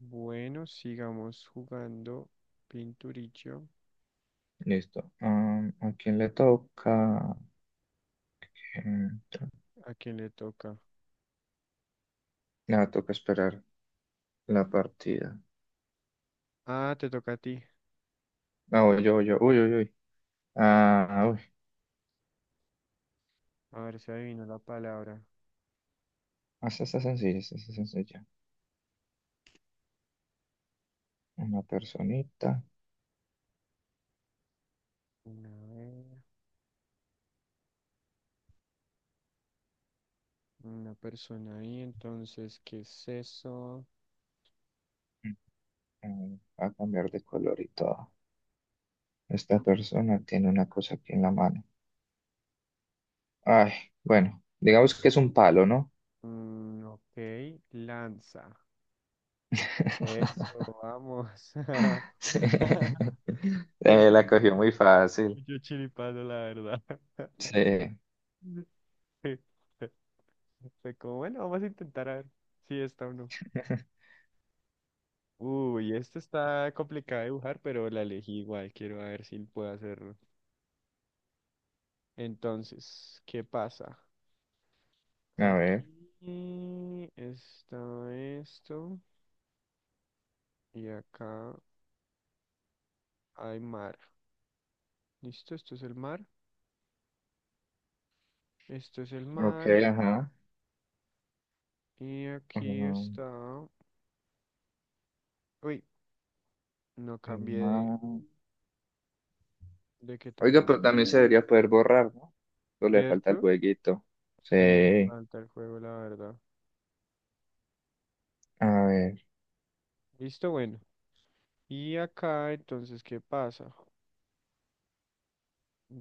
Bueno, sigamos jugando pinturillo. Listo. ¿A quién le toca? Em, tra- ¿A quién le toca? Nada, toca esperar la partida. Ah, te toca a ti. Ah, voy yo, voy yo. Uy, uy, uy. Ah, uy. A ver si adivino la palabra. Esta está sencilla, esta está sencilla. Una personita Una, vez, una persona ahí, entonces, ¿qué es eso? Va a cambiar de color y todo. Esta persona tiene una cosa aquí en la mano. Ay, bueno, digamos que es un palo, ¿no? Ok, lanza. Eso, vamos. Sí. Eso La fue cogió muy fácil. mucho chiripazo, la verdad. Sí. Fue como, bueno, vamos a intentar a ver si está o no. Uy, esto está complicado de dibujar, pero la elegí igual. Quiero ver si puedo hacerlo. Entonces, ¿qué pasa? A ver. Aquí está esto y acá hay mar. ¿Listo? Esto es el mar. Esto es el Ok, mar. ajá. Y aquí está... Uy, no El cambié mar. de qué tan Oiga, grueso. pero también se debería poder borrar, ¿no? Solo le falta el ¿Cierto? jueguito. Sí, me Sí. falta el juego, la verdad. A ver. Listo, bueno. Y acá entonces, ¿qué pasa?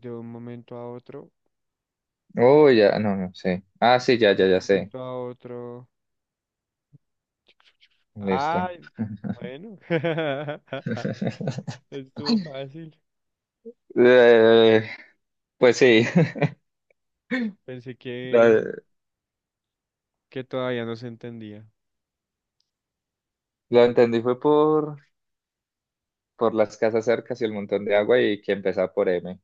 De un momento a otro. Oh, ya, no, no sé. Ah, sí, ya, De ya, un ya sé. momento a otro. Listo. Ay, bueno. Estuvo fácil. Eh, pues sí, Pensé lo, que todavía no se entendía. lo entendí fue por las casas cercas y el montón de agua y que empezaba por M.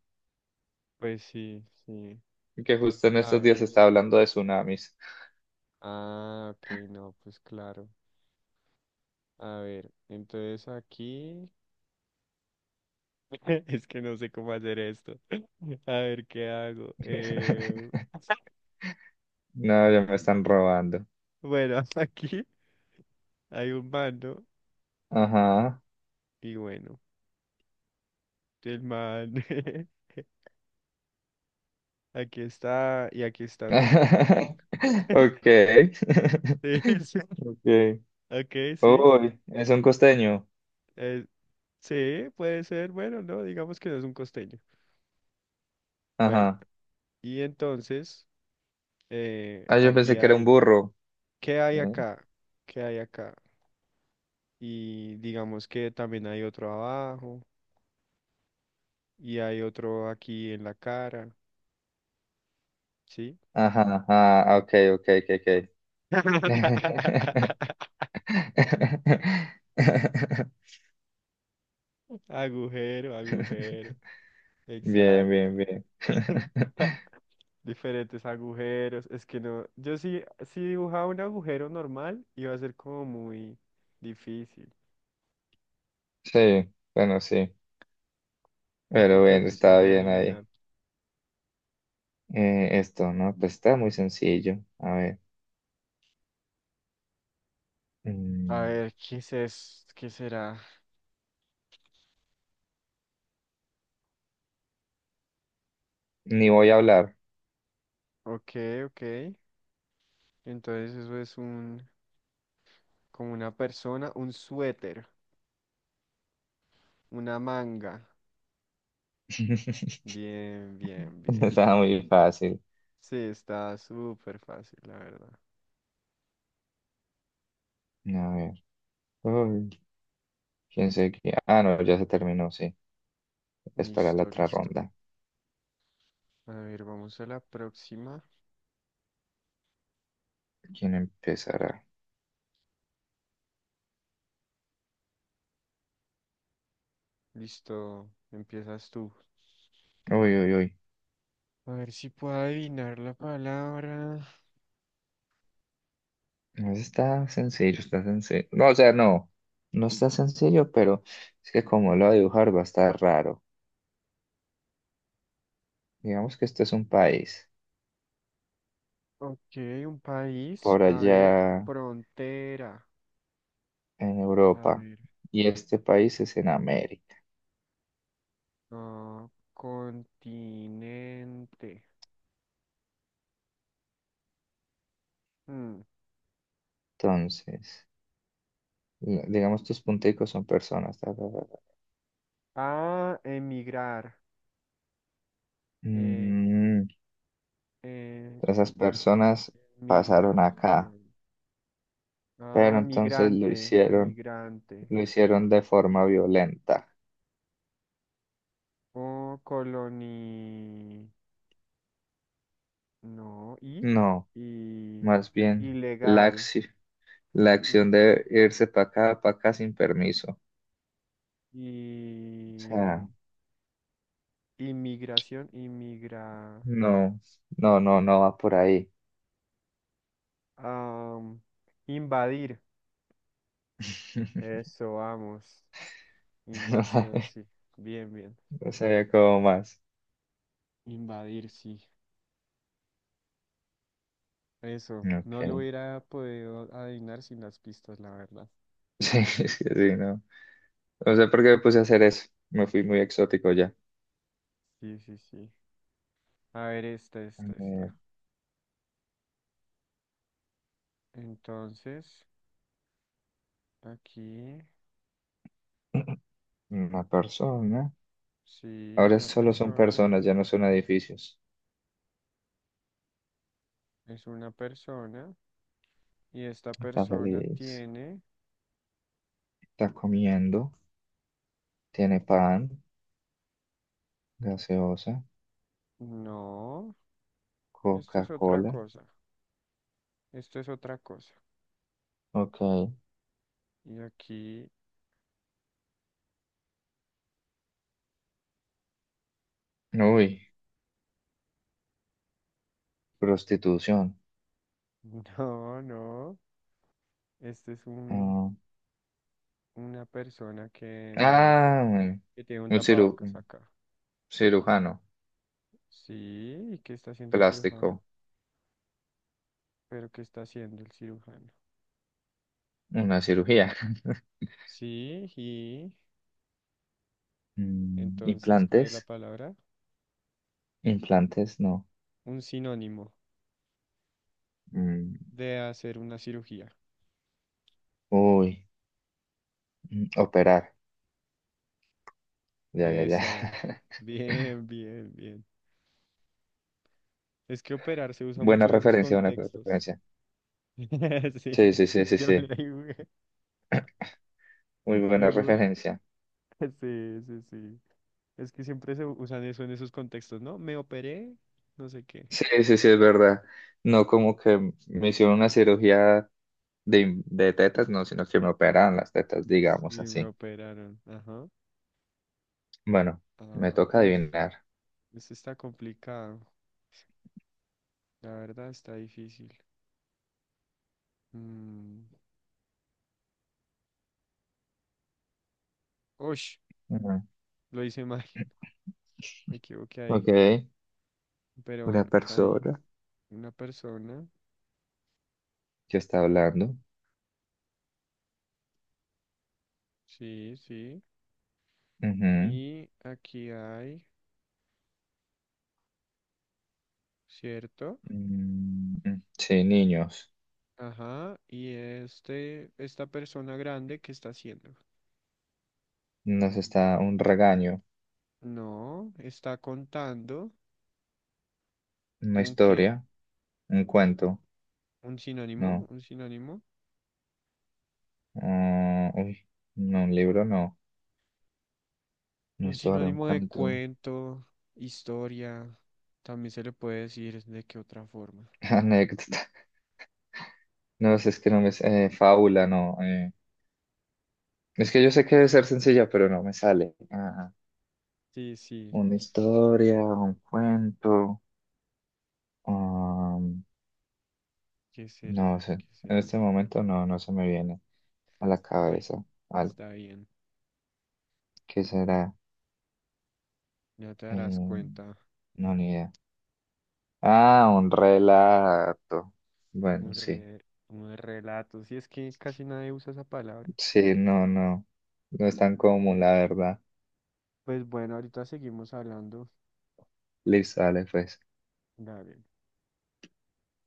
Pues sí, sí. Y que justo en A estos ver, días está hablando de tsunamis. ah, ok, no, pues claro. A ver, entonces aquí. Es que no sé cómo hacer esto. A ver, ¿qué hago? No, ya me están robando. Bueno, aquí hay un mando Ajá. y bueno, el man aquí está y aquí está, ¿no? Okay. Sí, sí. Okay. Ok, sí. Uy, es un costeño. eh, sí, puede ser. Bueno, no, digamos que no es un costeño. Bueno, Ajá. y entonces, Ah, yo pensé aquí que era un hay, burro. ¿qué hay ¿Eh? acá? ¿Qué hay acá? Y digamos que también hay otro abajo y hay otro aquí en la cara, ¿sí? Ajá, ajá. Ok, ok, ok, ok. Agujero, agujero, Bien, exacto. bien, bien. Diferentes agujeros. Es que no, yo sí, si dibujaba un agujero normal, iba a ser como muy difícil, Sí, bueno, sí. un Pero poco bueno, difícil estaba de bien ahí. adivinar. Esto, ¿no? Pues está muy sencillo. A ver. A Mm, ver, ¿qué es ¿Qué será? ni voy a hablar. Ok, ok. Entonces eso es un, como una persona, un suéter, una manga. Bien, bien, bien. Estaba muy fácil. Sí, está súper fácil, la verdad. A ver. Uy, quién sé que... Ah, no, ya se terminó, sí. Es para la Listo, otra listo. ronda. A ver, vamos a la próxima. ¿Quién empezará? Listo, empiezas tú. Uy, uy, uy. A ver si puedo adivinar la palabra. No, está sencillo, está sencillo. No, o sea, no. No está sencillo, pero es que como lo va a dibujar va a estar raro. Digamos que este es un país Ok, un país. por A ver, allá frontera. en A Europa ver, y este país es en América. ah, continente. Mm, Entonces, digamos tus punticos son personas. Ta, ta, ta, ta. Ah, emigrar. Eh, Mm, eh, esas personas pasaron migración. acá, pero Ah, entonces migrante, migrante. lo hicieron de forma violenta. O coloni... No, No, y más bien ilegal. La Y, acción de irse para acá sin permiso. O y sea, inmigración, inmigra. no, no, no, no va por ahí. am, invadir. Eso, vamos. Invasión, sí. Bien, bien. No sabía cómo más. Invadir, sí. Eso. No lo Ok. hubiera podido adivinar sin las pistas, la verdad. Sí, sí, sí, no. No sé por qué me puse a hacer eso. Me fui muy exótico ya. Sí, sí, sí. A ver, esta, A esta, esta. ver, Entonces, aquí, una persona. sí, Ahora una solo son persona. personas, ya no son edificios. Es una persona. Y esta Está persona feliz. tiene. Está comiendo. Tiene pan, gaseosa. No, esto es otra Coca-Cola. cosa. Esto es otra cosa. Ok. Y aquí Uy, prostitución. no, no. Este es un, Ah, una persona que, digamos ah, que tiene un tapabocas un acá. cirujano Sí, ¿y qué está haciendo el cirujano? plástico. ¿Pero qué está haciendo el cirujano? Una cirugía. Sí, y Mm, entonces, ¿cuál es la implantes. palabra? Implantes, no. Un sinónimo Mm, de hacer una cirugía. uy, mm, operar. Ya, ya, ya. Eso. Bien, bien, bien. Es que operar se usa mucho Buena en esos referencia, buena contextos. referencia. Sí, Sí, sí, sí, sí, yo sí. le digo. Yo Muy le buena digo. referencia. Sí, sí, sí. Es que siempre se usan eso en esos contextos, ¿no? Me operé, no sé qué. Sí, sí, sí, es verdad. No como que me hicieron una cirugía de tetas, no, sino que me operaron las tetas, Sí, digamos me así. operaron. Ajá. Bueno, me Ah, toca uf, adivinar. esto está complicado. La verdad está difícil. Mm, ush, Ujú. lo hice mal. Me equivoqué ahí. Ok, Pero una bueno, hay persona una persona. que está hablando. Sí, sí. Ujú. Y aquí hay, ¿cierto? Mm, mm, sí, niños. Ajá. Y este, esta persona grande, ¿qué está haciendo? Nos está un regaño, No, está contando una un qué. historia, un cuento. Un sinónimo, No. un sinónimo. Ah, uy, no, un libro, no. Una Un historia, un sinónimo de cuento. cuento, historia. También se le puede decir de qué otra forma. Anécdota. No sé, es que no me... sé, fábula, no. Es que yo sé que debe ser sencilla, pero no me sale. Ah, Sí, sí. una historia, un cuento. ¿Qué será? No sé, ¿Qué en será? este momento no, no se me viene a la Bueno, cabeza algo. está bien. ¿Qué será? Ya te darás Eh, cuenta. no, ni idea. Ah, un relato. Un Bueno, sí, re- un relato. Si es que casi nadie usa esa palabra. sí, no, no, no es tan común, la verdad. Pues bueno, ahorita seguimos hablando. Listo, dale, pues. Dale.